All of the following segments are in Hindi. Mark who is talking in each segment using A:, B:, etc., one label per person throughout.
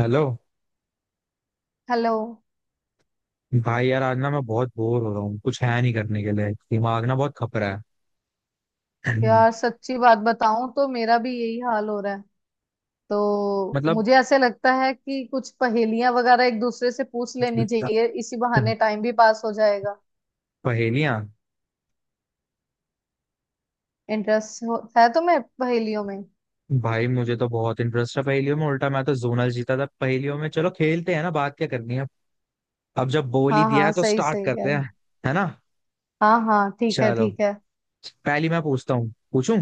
A: हेलो।
B: हेलो।
A: भाई यार आज ना मैं बहुत बोर हो रहा हूँ। कुछ है नहीं करने के लिए, दिमाग ना बहुत खप रहा है।
B: यार, सच्ची बात बताऊं तो मेरा भी यही हाल हो रहा है। तो
A: मतलब,
B: मुझे ऐसे लगता है कि कुछ पहेलियां वगैरह एक दूसरे से पूछ लेनी चाहिए, इसी बहाने टाइम भी पास हो जाएगा।
A: पहेलियां।
B: इंटरेस्ट है तुम्हें पहेलियों में?
A: भाई मुझे तो बहुत इंटरेस्ट है पहेलियों में। उल्टा मैं तो जोनल जीता था पहेलियों में। चलो खेलते हैं ना, बात क्या करनी है। अब जब बोल ही
B: हाँ
A: दिया है
B: हाँ,
A: तो
B: सही
A: स्टार्ट
B: सही कह
A: करते
B: रहे।
A: हैं। है ना।
B: हाँ हाँ, ठीक है
A: चलो।
B: ठीक है।
A: पहली मैं पूछता हूँ पूछूं।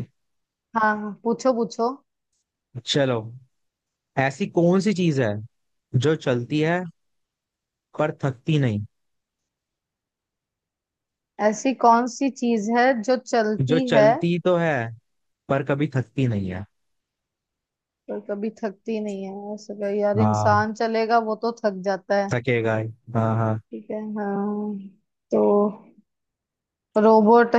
B: हाँ हाँ, पूछो पूछो।
A: चलो। ऐसी कौन सी चीज है जो चलती है पर थकती नहीं।
B: ऐसी कौन सी चीज है जो
A: जो
B: चलती है
A: चलती तो है, पर कभी थकती नहीं है।
B: पर कभी थकती नहीं है? यार,
A: हाँ,
B: इंसान चलेगा वो तो थक जाता है।
A: थकेगा ही। हाँ हाँ।
B: ठीक है हाँ। तो रोबोट।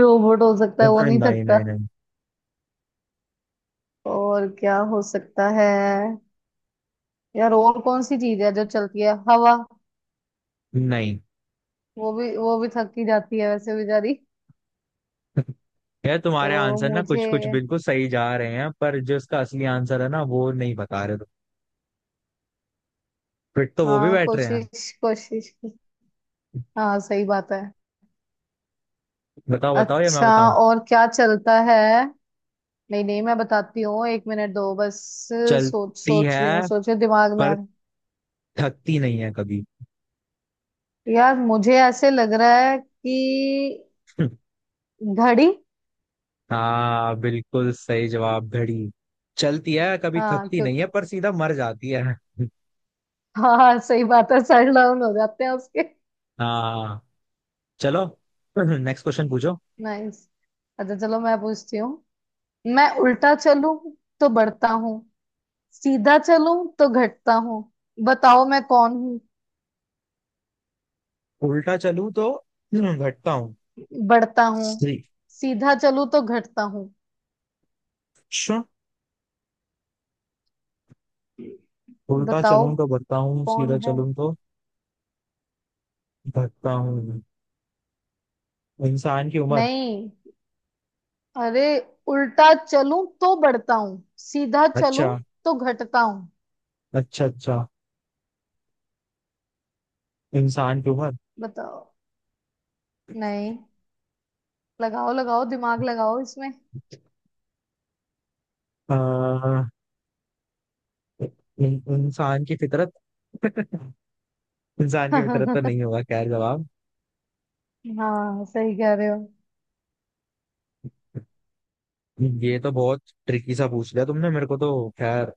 B: रोबोट हो सकता है वो
A: नहीं
B: नहीं
A: नहीं
B: थकता।
A: नहीं नहीं
B: और क्या हो सकता है? यार, और कौन सी चीज है जो चलती है? हवा?
A: नहीं।
B: वो भी थक ही जाती है वैसे बेचारी।
A: यार तुम्हारे
B: तो
A: आंसर ना
B: मुझे
A: कुछ कुछ बिल्कुल सही जा रहे हैं, पर जो इसका असली आंसर है ना वो नहीं बता रहे तुम। फिट तो वो भी
B: हाँ,
A: बैठ रहे हैं।
B: कोशिश कोशिश। हाँ, सही बात है।
A: बताओ बताओ, या मैं
B: अच्छा,
A: बताऊं।
B: और क्या चलता है? नहीं नहीं, मैं बताती हूँ, 1 मिनट दो बस। सोच
A: चलती है
B: सोच रही हूँ, दिमाग में आ
A: पर
B: रहा
A: थकती नहीं है कभी।
B: है। यार, मुझे ऐसे लग रहा है कि घड़ी।
A: हाँ, बिल्कुल सही जवाब, घड़ी। चलती है, कभी
B: हाँ
A: थकती नहीं है, पर सीधा मर जाती है।
B: हाँ, सही बात है, सर डाउन हो जाते हैं उसके।
A: हाँ। चलो। नेक्स्ट क्वेश्चन पूछो।
B: नाइस। अच्छा चलो, मैं पूछती हूँ। मैं उल्टा चलूं तो बढ़ता हूँ, सीधा चलूं तो घटता हूँ, बताओ मैं कौन हूँ?
A: उल्टा चलूं तो घटता
B: बढ़ता हूँ,
A: हूँ।
B: सीधा चलूं तो घटता हूँ,
A: उल्टा
B: बताओ
A: चलूं तो बढ़ता हूँ,
B: कौन
A: सीधा
B: है?
A: चलूं तो घटता हूँ। इंसान की उम्र।
B: नहीं। अरे, उल्टा चलूं तो बढ़ता हूँ, सीधा चलूं
A: अच्छा।
B: तो घटता हूँ,
A: अच्छा अच्छा। इंसान की उम्र।
B: बताओ। नहीं, लगाओ लगाओ, दिमाग लगाओ इसमें।
A: अ, इंसान की फितरत। इंसान की फितरत
B: हाँ,
A: तो नहीं होगा, खैर जवाब।
B: सही कह रहे हो।
A: ये तो बहुत ट्रिकी सा पूछ लिया तुमने मेरे को। तो खैर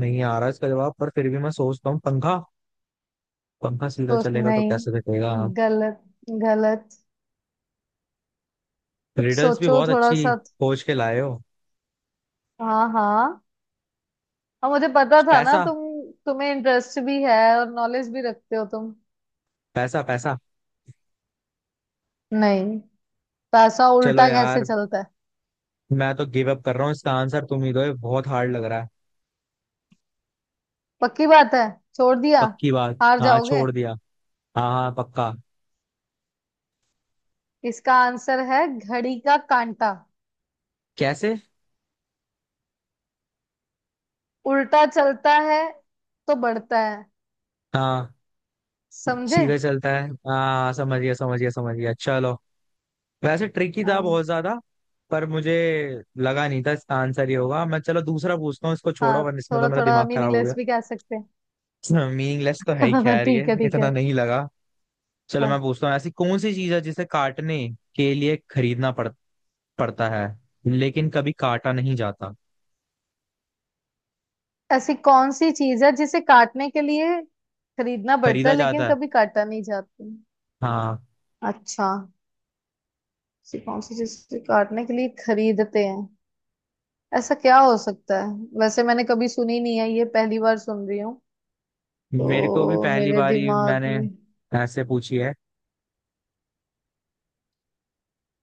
A: नहीं आ रहा इसका जवाब, पर फिर भी मैं सोचता हूँ पंखा। पंखा सीधा
B: सोच।
A: चलेगा तो
B: नहीं,
A: कैसे कटेगा।
B: गलत गलत। कुछ
A: रिडल्स भी
B: सोचो
A: बहुत
B: थोड़ा
A: अच्छी
B: सा तो।
A: खोज के लाए हो।
B: हाँ हाँ, और मुझे पता था ना
A: पैसा,
B: तुम, तुम्हें इंटरेस्ट भी है और नॉलेज भी रखते हो तुम।
A: पैसा, पैसा।
B: नहीं, पैसा
A: चलो
B: उल्टा कैसे
A: यार,
B: चलता है?
A: मैं तो गिव अप कर रहा हूँ, इसका आंसर तुम ही दो, ये बहुत हार्ड लग रहा है।
B: पक्की बात है, छोड़ दिया।
A: पक्की बात,
B: हार
A: हाँ
B: जाओगे।
A: छोड़ दिया। हाँ हाँ पक्का।
B: इसका आंसर है घड़ी का कांटा।
A: कैसे?
B: उल्टा चलता है तो बढ़ता है।
A: हाँ,
B: समझे?
A: सीधे चलता है, हाँ समझ गया, समझ गया, समझ गया। चलो। वैसे ट्रिकी था
B: हाँ
A: बहुत ज्यादा, पर मुझे लगा नहीं था इसका आंसर ये होगा। मैं चलो दूसरा पूछता हूँ, इसको छोड़ो
B: हाँ,
A: वरना इसमें तो
B: थोड़ा
A: मेरा
B: थोड़ा
A: दिमाग खराब हो गया।
B: मीनिंगलेस भी कह सकते
A: मीनिंगलेस तो है ही,
B: हैं।
A: खैर ये
B: ठीक है ठीक
A: इतना
B: है।
A: नहीं लगा। चलो मैं
B: हाँ।
A: पूछता हूँ, ऐसी कौन सी चीज है जिसे काटने के लिए खरीदना पड़ता है, लेकिन कभी काटा नहीं जाता।
B: ऐसी कौन सी चीज है जिसे काटने के लिए खरीदना पड़ता
A: खरीदा
B: है लेकिन
A: जाता है।
B: कभी काटा नहीं जाती?
A: हाँ।
B: अच्छा, ऐसी कौन सी चीज जिसे काटने के लिए खरीदते हैं? ऐसा क्या हो सकता है? वैसे मैंने कभी सुनी नहीं है, ये पहली बार सुन रही हूँ।
A: मेरे को भी
B: तो
A: पहली
B: मेरे
A: बार ही
B: दिमाग
A: मैंने
B: में
A: ऐसे पूछी है।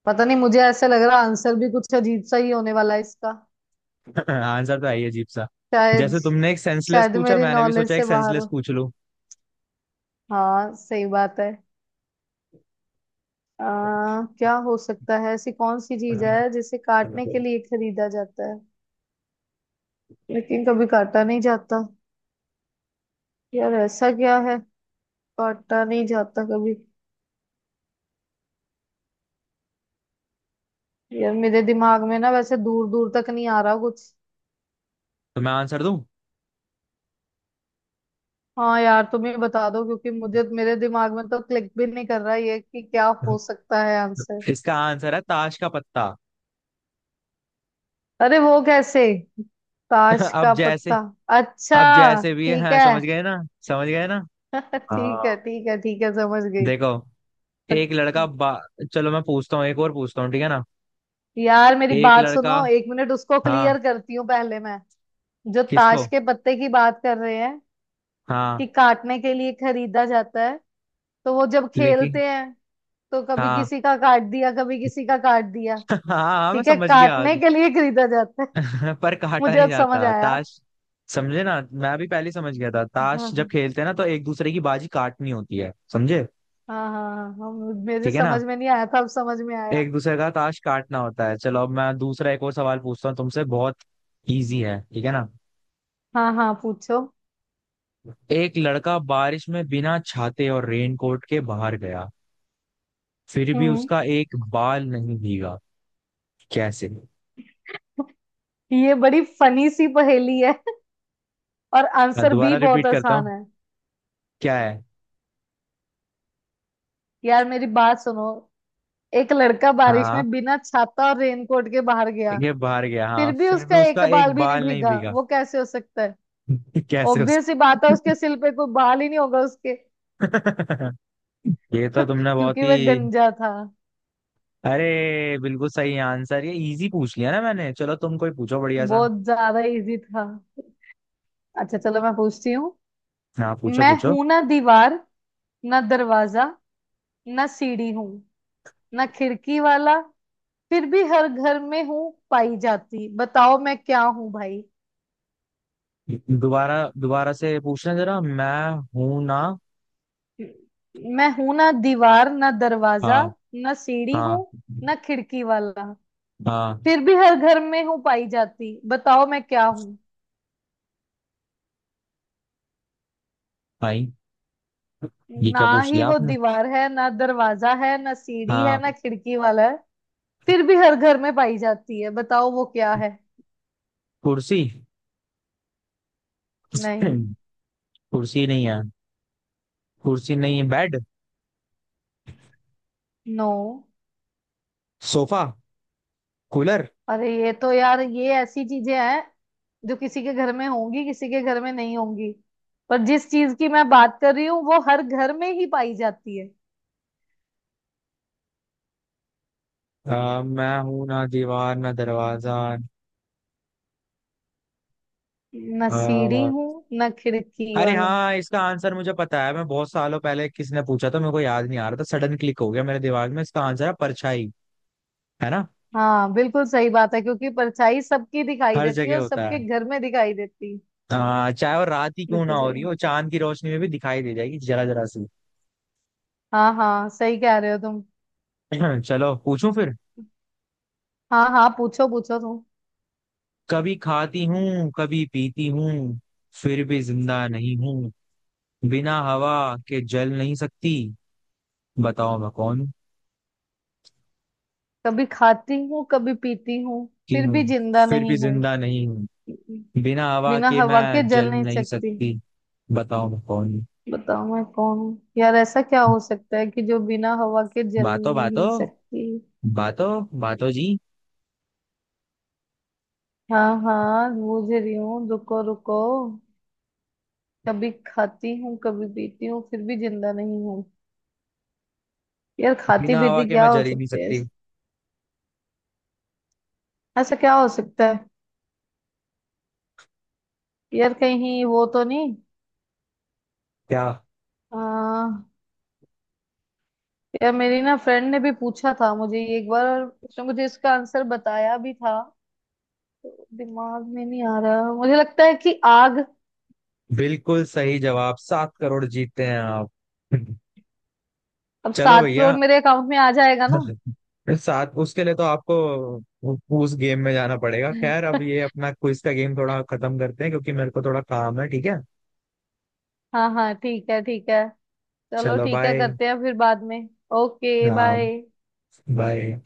B: पता नहीं, मुझे ऐसा लग रहा आंसर भी कुछ अजीब सा ही होने वाला है इसका।
A: आंसर तो है ही अजीब सा।
B: शायद
A: जैसे तुमने एक सेंसलेस
B: शायद
A: पूछा,
B: मेरी
A: मैंने भी
B: नॉलेज
A: सोचा एक
B: से बाहर
A: सेंसलेस
B: हो।
A: पूछ लूं
B: हाँ, सही बात है। क्या हो सकता है? ऐसी कौन सी
A: तो।
B: चीज है जिसे काटने के लिए खरीदा जाता है लेकिन कभी काटा नहीं जाता? यार, ऐसा क्या है? काटा नहीं जाता कभी? यार, मेरे दिमाग में ना वैसे दूर दूर तक नहीं आ रहा कुछ।
A: मैं आंसर दूं?
B: हाँ यार, तुम ही बता दो क्योंकि मुझे, मेरे दिमाग में तो क्लिक भी नहीं कर रहा ये कि क्या हो सकता है आंसर।
A: इसका आंसर है ताश का पत्ता।
B: अरे, वो कैसे? ताश
A: अब
B: का
A: जैसे
B: पत्ता?
A: अब
B: अच्छा,
A: जैसे भी है,
B: ठीक
A: हाँ,
B: है।
A: समझ गए ना? समझ गए ना?
B: ठीक है
A: हाँ।
B: ठीक है ठीक है, समझ गई।
A: देखो,
B: अ-
A: एक लड़का बा... चलो मैं पूछता हूँ, एक और पूछता हूँ, ठीक है ना?
B: यार मेरी
A: एक
B: बात सुनो,
A: लड़का।
B: 1 मिनट उसको
A: हाँ।
B: क्लियर करती हूँ पहले मैं। जो
A: किसको?
B: ताश के पत्ते की बात कर रहे हैं
A: हाँ।
B: कि काटने के लिए खरीदा जाता है, तो वो जब
A: लेकिन।
B: खेलते हैं तो कभी
A: हाँ।
B: किसी का काट दिया, कभी किसी का काट दिया।
A: हाँ हाँ, मैं
B: ठीक है,
A: समझ गया।
B: काटने के लिए खरीदा जाता है।
A: पर काटा
B: मुझे
A: नहीं
B: अब समझ
A: जाता
B: आया।
A: ताश। समझे ना, मैं भी पहले ही समझ गया था, ताश जब
B: हाँ
A: खेलते हैं ना तो एक दूसरे की बाजी काटनी होती है, समझे?
B: हाँ हाँ। हाँ, मेरे
A: ठीक है ना?
B: समझ में नहीं आया था, अब समझ में आया।
A: एक दूसरे का ताश काटना होता है। चलो, अब मैं दूसरा एक और सवाल पूछता हूँ तुमसे, बहुत इजी है, ठीक है ना?
B: हाँ हाँ, पूछो।
A: एक लड़का बारिश में बिना छाते और रेनकोट के बाहर गया, फिर भी
B: हम्म।
A: उसका एक बाल नहीं भीगा। कैसे?
B: ये बड़ी फनी सी पहेली है। और
A: मैं
B: आंसर भी
A: दोबारा
B: बहुत
A: रिपीट करता
B: आसान
A: हूँ,
B: है।
A: क्या है।
B: यार मेरी बात सुनो, एक लड़का बारिश
A: हाँ,
B: में बिना छाता और रेनकोट के बाहर गया,
A: ये बाहर गया, हाँ,
B: फिर भी
A: फिर भी
B: उसका एक
A: उसका
B: बाल
A: एक
B: भी नहीं
A: बाल नहीं
B: भीगा,
A: भीगा।
B: वो कैसे हो सकता है?
A: कैसे उस...
B: ऑब्वियस ही बात है, उसके सिर पे कोई बाल ही नहीं होगा उसके।
A: ये तो तुमने बहुत
B: क्योंकि वह
A: ही...
B: गंजा था।
A: अरे बिल्कुल सही आंसर, ये इजी पूछ लिया ना मैंने, चलो तुम कोई पूछो बढ़िया सा।
B: बहुत ज्यादा इजी था। अच्छा चलो, मैं पूछती हूँ।
A: हाँ पूछो
B: मैं
A: पूछो।
B: हूं ना दीवार, ना दरवाजा, ना सीढ़ी हूँ, ना खिड़की वाला, फिर भी हर घर में हूँ पाई जाती, बताओ मैं क्या हूँ भाई?
A: दोबारा दोबारा से पूछना जरा, मैं हूं ना।
B: मैं हूं ना दीवार, ना दरवाजा,
A: हाँ
B: ना सीढ़ी हूँ,
A: हाँ
B: ना खिड़की वाला,
A: हाँ।
B: फिर भी हर घर में हूँ पाई जाती, बताओ मैं क्या हूँ?
A: भाई, ये
B: ना
A: क्या पूछ
B: ही
A: लिया
B: वो
A: आपने।
B: दीवार है, ना दरवाजा है, ना सीढ़ी है, ना
A: हाँ,
B: खिड़की वाला है, फिर भी हर घर में पाई जाती है, बताओ वो क्या है?
A: कुर्सी।
B: नहीं।
A: कुर्सी नहीं है। कुर्सी नहीं है, बेड,
B: नो।
A: Sofa, cooler?
B: अरे, ये तो यार ये ऐसी चीजें हैं जो किसी के घर में होंगी, किसी के घर में नहीं होंगी, पर जिस चीज की मैं बात कर रही हूँ वो हर घर में ही पाई जाती है।
A: मैं हूं ना दीवार ना दरवाजा,
B: ना
A: अ,
B: सीढ़ी हूँ, ना खिड़की
A: अरे
B: वाला।
A: हाँ, इसका आंसर मुझे पता है, मैं बहुत सालों पहले, किसने पूछा था मेरे को याद नहीं आ रहा था, सडन क्लिक हो गया मेरे दिमाग में, इसका आंसर है परछाई। है ना?
B: हाँ, बिल्कुल सही बात है, क्योंकि परछाई सबकी दिखाई
A: हर
B: देती है
A: जगह
B: और
A: होता
B: सबके
A: है।
B: घर में दिखाई देती है।
A: हाँ, चाहे वो रात ही क्यों ना
B: बिल्कुल
A: हो रही
B: सही।
A: हो, चांद की रोशनी में भी दिखाई दे जाएगी जरा जरा सी।
B: हाँ हाँ, सही कह रहे हो तुम।
A: चलो पूछूं फिर।
B: हाँ हाँ, पूछो पूछो तुम।
A: कभी खाती हूँ, कभी पीती हूँ, फिर भी जिंदा नहीं हूँ, बिना हवा के जल नहीं सकती, बताओ मैं कौन हूँ?
B: कभी खाती हूँ कभी पीती हूँ,
A: कि
B: फिर
A: हूँ।
B: भी जिंदा
A: फिर भी
B: नहीं हूँ,
A: जिंदा नहीं हूँ, बिना हवा
B: बिना
A: के
B: हवा के
A: मैं जल
B: जल नहीं
A: नहीं
B: सकती,
A: सकती। बताओ मैं कौन हूँ?
B: बताओ मैं कौन हूँ? यार, ऐसा क्या हो सकता है कि जो बिना हवा के जल
A: बातो, बातो,
B: नहीं सकती?
A: बातो, बातो जी।
B: हाँ हाँ, बूझ रही हूँ, रुको रुको। कभी खाती हूँ कभी पीती हूँ फिर भी जिंदा नहीं हूँ। यार, खाती
A: बिना हवा
B: पीती
A: के
B: क्या
A: मैं
B: हो
A: जल ही नहीं
B: सकते हैं?
A: सकती।
B: ऐसा क्या हो सकता है? यार, कहीं वो तो नहीं।
A: क्या?
B: यार मेरी ना फ्रेंड ने भी पूछा था मुझे ये एक बार, और उसने मुझे इसका आंसर बताया भी था, तो दिमाग में नहीं आ रहा। मुझे लगता है कि आग।
A: बिल्कुल सही जवाब, 7 करोड़ जीतते हैं आप।
B: अब
A: चलो
B: 7 करोड़
A: भैया।
B: मेरे अकाउंट में आ जाएगा ना?
A: साथ उसके लिए तो आपको उ- उस गेम में जाना पड़ेगा। खैर अब ये अपना क्विज का गेम थोड़ा खत्म करते हैं, क्योंकि मेरे को थोड़ा काम है, ठीक है?
B: हाँ हाँ, ठीक है ठीक है। चलो
A: चलो
B: ठीक है,
A: बाय।
B: करते हैं फिर बाद में। ओके
A: हाँ।
B: बाय।
A: बाय।